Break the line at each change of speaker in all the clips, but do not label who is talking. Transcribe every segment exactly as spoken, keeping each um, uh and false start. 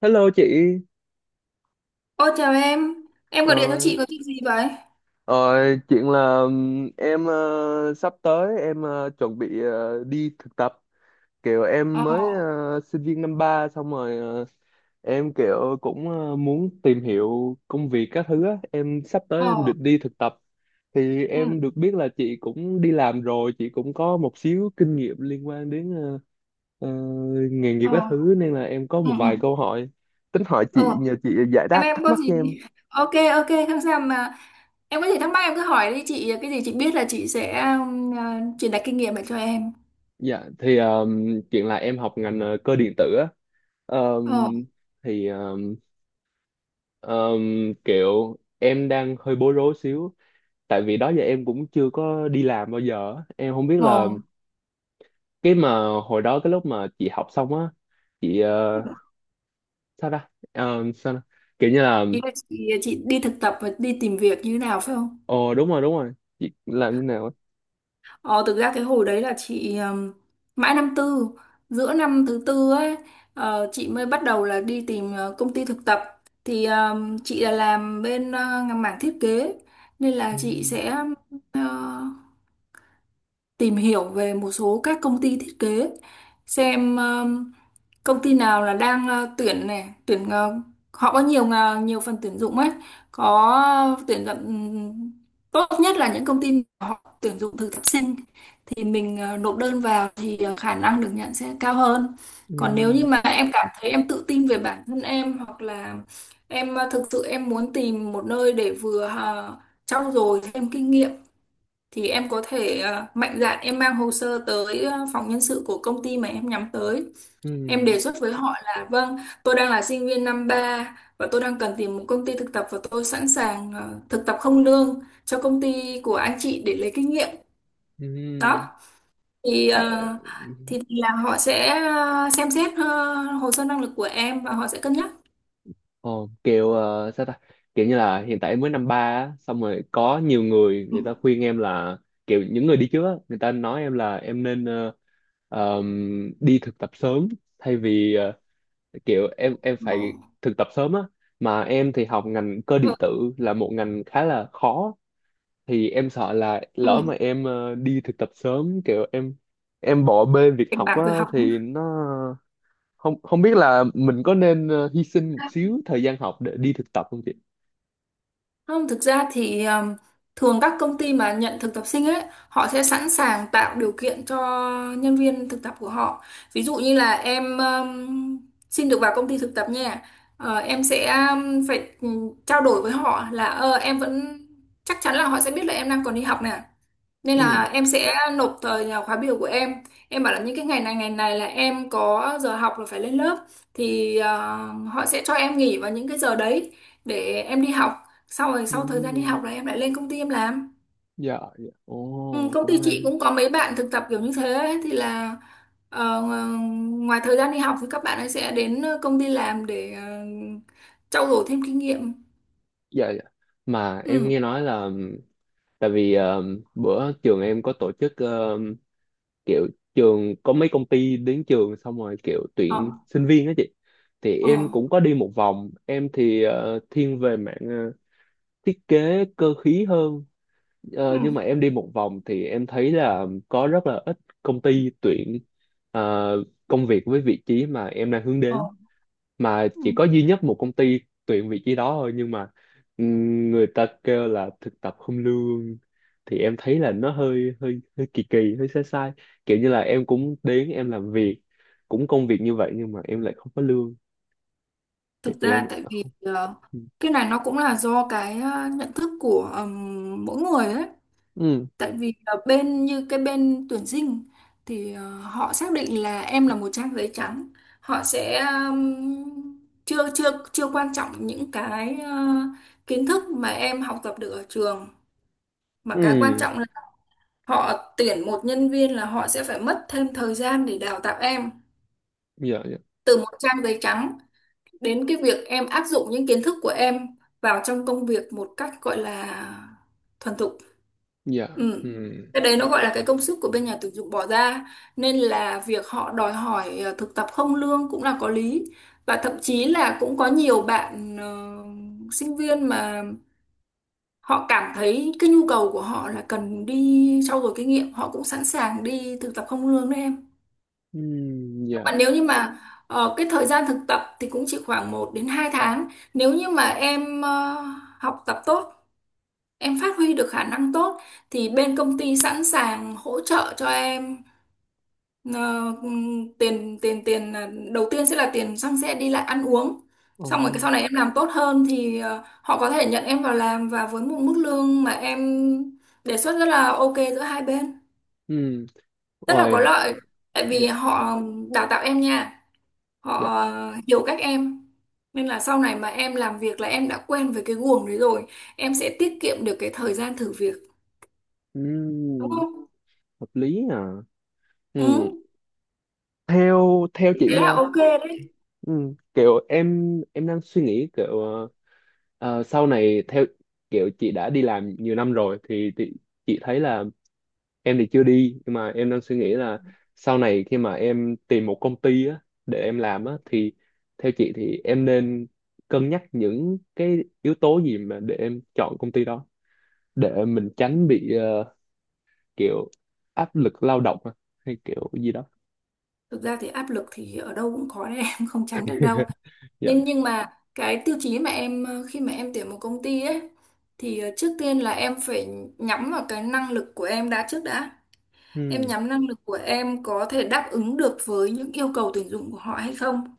Hello chị.
Ô chào em, em
ờ,
gọi điện cho chị có việc gì vậy?
ờ, Chuyện là ừm, em ờ, sắp tới em ờ, chuẩn bị ờ, đi thực tập, kiểu
Ờ,
em mới ờ, sinh viên năm ba xong rồi, ờ, em kiểu cũng ờ, muốn tìm hiểu công việc các thứ á. Em sắp tới em
ờ,
định đi thực tập thì
ừ,
em được biết là chị cũng đi làm rồi, chị cũng có một xíu kinh nghiệm liên quan đến ờ, ờ, nghề nghiệp
ờ,
các thứ nên là em có
ừ,
một vài
ừ.
câu hỏi tính hỏi chị,
Ờ,
nhờ chị giải
em
đáp
em
thắc
có
mắc
gì?
cho em.
Ok, ok, không sao mà em có gì thắc mắc em cứ hỏi đi chị, cái gì chị biết là chị sẽ um, à, truyền đạt kinh nghiệm lại cho em.
Dạ thì um, chuyện là em học ngành ờ, cơ điện tử á. Um,
Ờ,
thì um, um, kiểu em đang hơi bối rối xíu, tại vì đó giờ em cũng chưa có đi làm bao giờ á. Em không biết là
ờ,
cái mà hồi đó, cái lúc mà chị học xong á, chị ờ, sao ta? Um, sao ta? Kiểu như là
ý là chị, chị đi thực tập và đi tìm việc như thế nào phải không?
ồ đúng rồi đúng rồi, chị làm như nào á?
Ờ, thực ra cái hồi đấy là chị ừm, mãi năm tư, giữa năm thứ tư ấy, ờ, chị mới bắt đầu là đi tìm ờ, công ty thực tập, thì ừm, chị là làm bên ờ, mảng thiết kế, nên
Ừ.
là chị sẽ ờ, tìm hiểu về một số các công ty thiết kế, xem ừm, công ty nào là đang ờ, tuyển này tuyển ờ, họ có nhiều ngà- nhiều phần tuyển dụng ấy, có tuyển dụng ừm, tốt nhất là những công ty mà họ tuyển dụng thực tập sinh, thì mình ờ, nộp đơn vào thì ờ, khả năng được nhận sẽ cao hơn. Còn nếu
Ừ.
như mà em cảm thấy em tự tin về bản thân em, hoặc là em ờ, thực sự em muốn tìm một nơi để vừa ờ, trau dồi thêm kinh nghiệm, thì em có thể ờ, mạnh dạn em mang hồ sơ tới ờ, phòng nhân sự của công ty mà em nhắm tới. Em
Ừ.
đề xuất với họ là: vâng, tôi đang là sinh viên năm ba và tôi đang cần tìm một công ty thực tập và tôi sẵn sàng ờ, thực tập không lương cho công ty của anh chị để lấy kinh nghiệm.
Ừ.
Đó. Thì ờ,
Tại-
thì là họ sẽ ờ, xem xét ờ, hồ sơ năng lực của em và họ sẽ cân nhắc.
Ồ, kiểu ờ, sao ta, kiểu như là hiện tại em mới năm ba á, xong rồi có nhiều người
Ừ.
người ta khuyên em là kiểu những người đi trước á, người ta nói em là em nên ờ, ờm, đi thực tập sớm thay vì ờ, kiểu em em
Ồ.
phải thực tập sớm á, mà em thì học ngành cơ
Ừ.
điện tử là một ngành khá là khó, thì em sợ là lỡ
Ừ.
mà em ờ, đi thực tập sớm kiểu em em bỏ bê việc
Cảnh
học
báo
á,
về học.
thì nó không không biết là mình có nên ờ, hy sinh một xíu thời gian học để đi thực tập không chị?
Không, thực ra thì um, thường các công ty mà nhận thực tập sinh ấy, họ sẽ sẵn sàng tạo điều kiện cho nhân viên thực tập của họ. Ví dụ như là em um, xin được vào công ty thực tập nha, ờ, em sẽ um, phải ừ, trao đổi với họ là ờ, em vẫn, chắc chắn là họ sẽ biết là em đang còn đi học nè. Nên
Ừ.
là em sẽ nộp thời là khóa biểu của em. Em bảo là những cái ngày này ngày này là em có giờ học là phải lên lớp, thì ờ, họ sẽ cho em nghỉ vào những cái giờ đấy để em đi học. Sau rồi sau thời gian đi học
Ừ.
là em lại lên công ty em làm.
Dạ, dạ,
Ừ,
ồ
công
cũng
ty
hay.
chị cũng có mấy bạn thực tập kiểu như thế ấy, thì là ờ, ngoài thời gian đi học thì các bạn ấy sẽ đến công ty làm để ờ, trau dồi thêm kinh nghiệm.
Dạ, dạ, mà em
Ừ.
nghe nói là tại vì ờ, bữa trường em có tổ chức ờ, kiểu trường có mấy công ty đến trường xong rồi kiểu tuyển
Ờ.
sinh viên đó chị, thì
Ờ.
em cũng có đi một vòng, em thì ờ, thiên về mạng ờ, thiết kế cơ khí hơn.
Ừ.
Ờ, nhưng mà em đi một vòng thì em thấy là có rất là ít công ty tuyển ờ, công việc với vị trí mà em đang hướng
Ờ.
đến, mà
Ừ.
chỉ có duy nhất một công ty tuyển vị trí đó thôi nhưng mà ừm, người ta kêu là thực tập không lương, thì em thấy là nó hơi hơi hơi kỳ kỳ, hơi sai sai, kiểu như là em cũng đến em làm việc cũng công việc như vậy nhưng mà em lại không có lương thì
Thực ra
em
tại vì
không.
ờ,
Ừ.
cái này nó cũng là do cái ờ, nhận thức của ừm, mỗi người ấy.
Ừ.
Tại vì là bên như cái bên tuyển sinh thì ờ, họ xác định là em là một trang giấy trắng. Họ sẽ ừm, chưa chưa chưa quan trọng những cái ờ, kiến thức mà em học tập được ở trường, mà cái quan
Ừ.
trọng là họ tuyển một nhân viên là họ sẽ phải mất thêm thời gian để đào tạo em
Dạ, dạ,
từ một trang giấy trắng đến cái việc em áp dụng những kiến thức của em vào trong công việc một cách gọi là thuần thục.
dạ. Ừ.
Ừ. Cái đấy nó gọi là cái công sức của bên nhà tuyển dụng bỏ ra, nên là việc họ đòi hỏi ờ, thực tập không lương cũng là có lý, và thậm chí là cũng có nhiều bạn ờ, sinh viên mà họ cảm thấy cái nhu cầu của họ là cần đi trau dồi kinh nghiệm, họ cũng sẵn sàng đi thực tập không lương đấy em.
Ừ.
Nhưng
Dạ.
mà nếu như mà ờ, cái thời gian thực tập thì cũng chỉ khoảng một đến hai tháng. Nếu như mà em ờ, học tập tốt, em phát huy được khả năng tốt, thì bên công ty sẵn sàng hỗ trợ cho em ờ, ừm, tiền tiền tiền là- đầu tiên sẽ là tiền xăng xe đi lại ăn uống.
Ồ.
Xong rồi cái sau này em làm tốt hơn thì ờ, họ có thể nhận em vào làm và với một mức lương mà em đề xuất rất là ok giữa hai bên.
Ừ,
Rất là có
rồi.
lợi tại vì
Dạ,
họ đào tạo em nha,
dạ,
họ hiểu các em, nên là sau này mà em làm việc là em đã quen với cái guồng đấy rồi, em sẽ tiết kiệm được cái thời gian thử việc,
ừ,
đúng không.
hợp lý à. Ừ,
Ừ,
theo theo
thế
chị
là
nha,
ok đấy.
ừ, kiểu em em đang suy nghĩ kiểu ờ, ờ, sau này theo kiểu chị đã đi làm nhiều năm rồi thì, thì chị thấy là em thì chưa đi nhưng mà em đang suy nghĩ là sau này khi mà em tìm một công ty á, để em làm á thì theo chị thì em nên cân nhắc những cái yếu tố gì mà để em chọn công ty đó, để mình tránh bị ờ, kiểu áp lực lao động à? Hay kiểu gì đó?
Thực ra thì áp lực thì ở đâu cũng có đấy em không tránh được đâu,
Dạ.
nên nhưng mà cái tiêu chí mà em ờ, khi mà em tuyển một công ty ấy, thì ờ, trước tiên là em phải nhắm vào cái năng lực của em đã trước đã. Em
Hmm.
nhắm năng lực của em có thể đáp ứng được với những yêu cầu tuyển dụng của họ hay không.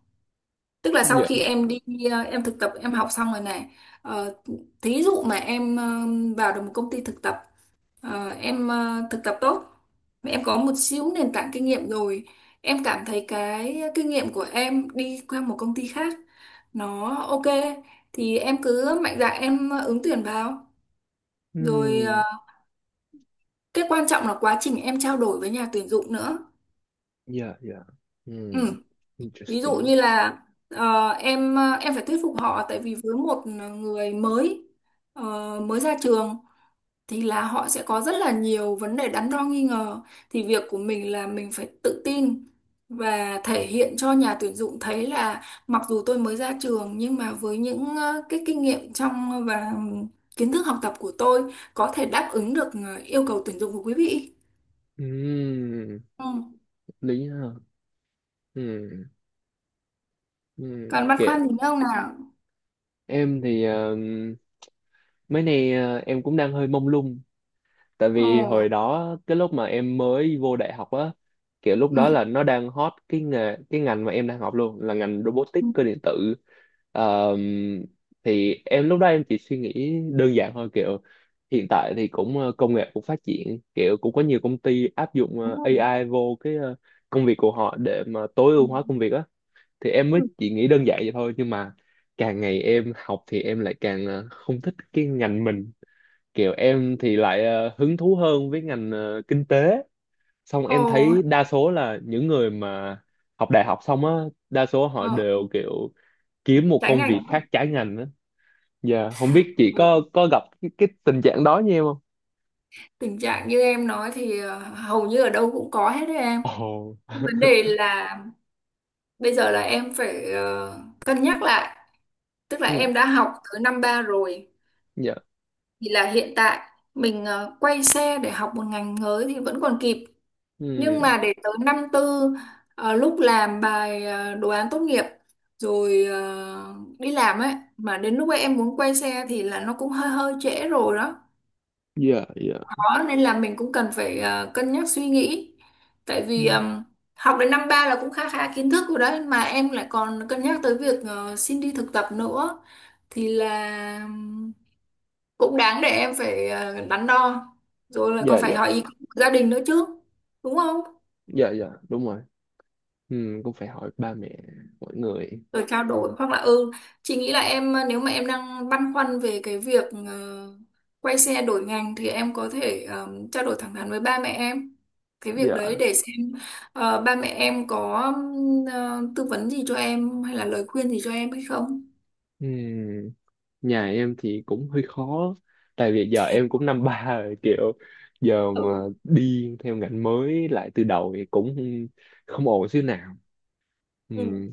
Tức là sau
Dạ.
khi em đi ờ, em thực tập em học xong rồi này, ờ, thí dụ mà em ờ, vào được một công ty thực tập, ờ, em ờ, thực tập tốt, em có một xíu nền tảng kinh nghiệm rồi, em cảm thấy cái kinh nghiệm của em đi qua một công ty khác nó ok, thì em cứ mạnh dạn em ứng tuyển vào. Rồi
Hmm.
ờ, cái quan trọng là quá trình em trao đổi với nhà tuyển dụng nữa.
Dạ, dạ. Hmm.
Ừ. Ví dụ
Interesting.
như là ờ, em ờ, em phải thuyết phục họ, tại vì với một người mới, ờ, mới ra trường, thì là họ sẽ có rất là nhiều vấn đề đắn đo nghi ngờ, thì việc của mình là mình phải tự tin và thể hiện cho nhà tuyển dụng thấy là mặc dù tôi mới ra trường nhưng mà với những ờ, cái kinh nghiệm trong và kiến thức học tập của tôi có thể đáp ứng được ờ, yêu cầu tuyển dụng của quý vị.
Hmm.
Ừ.
Lý ha. Hmm. Hmm.
Còn băn
Kiểu
khoăn gì nữa không nào?
em thì um, mấy nay uh, em cũng đang hơi mông lung, tại
Ồ.
vì hồi đó cái lúc mà em mới vô đại học á, kiểu lúc đó
Ừ.
là nó đang hot, cái nghề cái ngành mà em đang học luôn là ngành
Ừ.
robotics cơ điện tử. Ờm, thì em lúc đó em chỉ suy nghĩ đơn giản thôi, kiểu hiện tại thì cũng ờ, công nghệ cũng phát triển, kiểu cũng có nhiều công ty áp dụng ờ, a i vô cái ờ, công việc của họ để mà tối
Ừ.
ưu hóa công việc á, thì em
Ừ.
mới chỉ nghĩ đơn giản vậy thôi nhưng mà càng ngày em học thì em lại càng ờ, không thích cái ngành mình, kiểu em thì lại ờ, hứng thú hơn với ngành ờ, kinh tế. Xong em
Ồ.
thấy đa số là những người mà học đại học xong á, đa số họ
Ờ,
đều kiểu kiếm một
tránh
công
ảnh
việc
hưởng.
khác trái ngành á. Dạ không biết chị
Ừ.
có có gặp cái, cái tình trạng đó như em không?
Tình trạng như em nói thì ờ, hầu như ở đâu cũng có hết đấy em.
Ồ,
Nhưng vấn đề là bây giờ là em phải ờ, cân nhắc lại. Tức là
ừ.
em đã học tới năm ba rồi,
Dạ.
thì là hiện tại mình ờ, quay xe để học một ngành mới thì vẫn còn kịp.
Ừ.
Nhưng mà để tới năm tư, ờ, lúc làm bài ờ, đồ án tốt nghiệp rồi ờ, đi làm ấy, mà đến lúc ấy em muốn quay xe thì là nó cũng hơi hơi trễ rồi đó.
Dạ, dạ,
Rõ, nên là mình cũng cần phải ờ, cân nhắc suy nghĩ, tại vì
ừ.
ờm, học đến năm ba là cũng khá khá kiến thức rồi đấy, mà em lại còn cân nhắc tới việc ờ, xin đi thực tập nữa, thì là ừm, cũng đáng để em phải ờ, đắn đo, rồi lại còn
Dạ,
phải
dạ,
hỏi ý kiến của gia đình nữa chứ, đúng không.
dạ, dạ, đúng rồi. Ừ, cũng phải hỏi ba mẹ mọi người.
Rồi trao đổi hoặc là, ừ, chị nghĩ là em ờ, nếu mà em đang băn khoăn về cái việc ờ, quay xe đổi ngành, thì em có thể ờ, trao đổi thẳng thắn với ba mẹ em cái việc đấy
Dạ.
để xem ờ, ba mẹ em có ừm, ờ, tư vấn gì cho em hay là lời khuyên gì cho em hay không.
Ừ, nhà em thì cũng hơi khó tại vì giờ em cũng năm ba rồi, kiểu giờ mà đi theo ngành mới lại từ đầu thì cũng không ổn xíu nào. Ừ,
Ừ.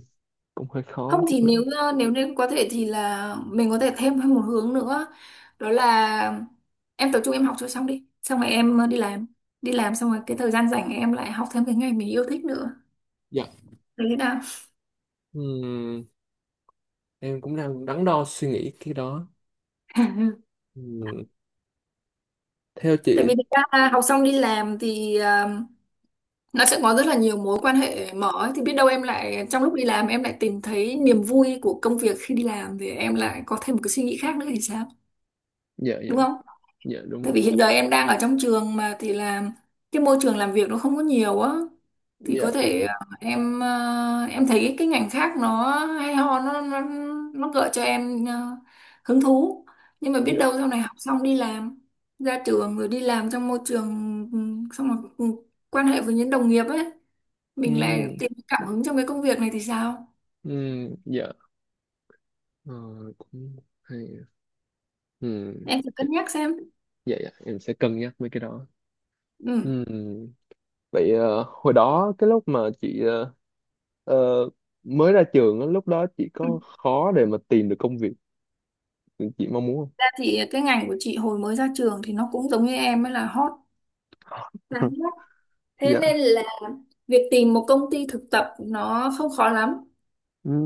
cũng hơi
Không
khó
thì
khúc đó.
nếu ờ, nếu nên có thể thì là mình có thể thêm một hướng nữa, đó là em tập trung em học cho xong đi, xong rồi em ờ, đi làm, đi làm xong rồi cái thời gian rảnh em lại học thêm cái ngành mình yêu thích nữa
Dạ.
đấy.
Ừm, em cũng đang đắn đo suy nghĩ cái đó. Ừm, Theo
Tại
chị.
vì thực ra là học xong đi làm thì ờ, nó sẽ có rất là nhiều mối quan hệ mở ấy. Thì biết đâu em lại trong lúc đi làm em lại tìm thấy niềm vui của công việc, khi đi làm thì em lại có thêm một cái suy nghĩ khác nữa thì sao?
Dạ, dạ,
Đúng không?
dạ đúng
Tại
rồi.
vì hiện giờ em đang ở trong trường mà thì làm cái môi trường làm việc nó không có nhiều á, thì có
Dạ,
thể ờ, em ờ, em thấy cái, cái ngành khác nó hay ho, nó nó nó gợi cho em ờ, hứng thú, nhưng mà biết
dạ.
đâu sau này học xong đi làm, ra trường rồi đi làm trong môi trường, ừ, xong rồi ừ, quan hệ với những đồng nghiệp ấy, mình lại
Ừ.
tìm cảm hứng trong cái công việc này thì sao.
Ừ. Dạ. ờ, Cũng hay. Ừ.
Em thử
Dạ,
cân nhắc xem.
dạ, dạ, em sẽ cân nhắc mấy cái đó.
Ừ.
Ừ. Vậy ờ, hồi đó cái lúc mà chị ờ, Ờ, mới ra trường á, lúc đó chị
Ừ.
có khó để mà tìm được công việc chị mong muốn
Ra thì cái ngành của chị hồi mới ra trường thì nó cũng giống như em ấy là hot.
không?
Đáng lắm. Thế
Dạ.
nên là việc tìm một công ty thực tập nó không khó lắm.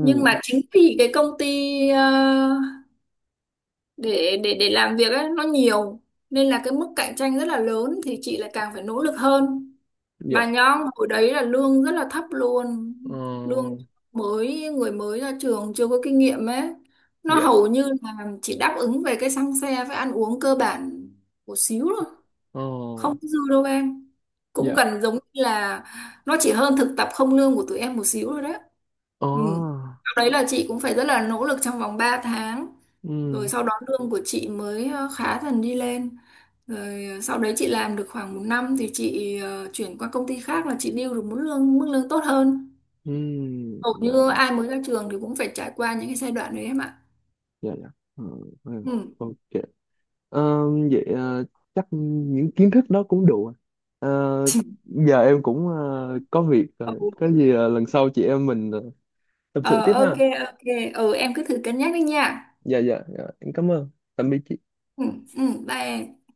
Nhưng mà chính vì cái công ty ờ, để để để làm việc ấy nó nhiều, nên là cái mức cạnh tranh rất là lớn, thì chị lại càng phải nỗ lực hơn. Mà
Dạ.
nhóm hồi đấy là lương rất là thấp luôn. Lương
Ờ.
mới, người mới ra trường chưa có kinh nghiệm ấy, nó
Dạ.
hầu như là chỉ đáp ứng về cái xăng xe với ăn uống cơ bản một xíu thôi,
Ờ.
không dư đâu em, cũng
Dạ.
gần giống như là nó chỉ hơn thực tập không lương của tụi em một xíu rồi đấy.
Ờ.
Ừ. Sau đấy là chị cũng phải rất là nỗ lực trong vòng ba tháng, rồi
Ừm.
sau đó lương của chị mới ờ, khá dần đi lên, rồi ờ, sau đấy chị làm được khoảng một năm thì chị ờ, chuyển qua công ty khác là chị điêu được mức lương mức lương tốt hơn.
Ừm.
Hầu
Dạ,
như ai mới ra trường thì cũng phải trải qua những cái giai đoạn đấy em ạ.
dạ, dạ. Ờ. Ừm.
Ừ.
Ok. Ờ. Vậy ờ, chắc những kiến thức đó cũng đủ rồi. Ờ, Giờ em cũng ờ, có việc
Ừ.
rồi, có gì ờ, lần sau chị em mình ờ, tâm
Ờ,
sự tiếp
ok,
ha.
ok. Ừ, em cứ thử cân nhắc đi nha.
Dạ, dạ, dạ em cảm ơn, tạm biệt chị.
Ừ, ừ, bye em.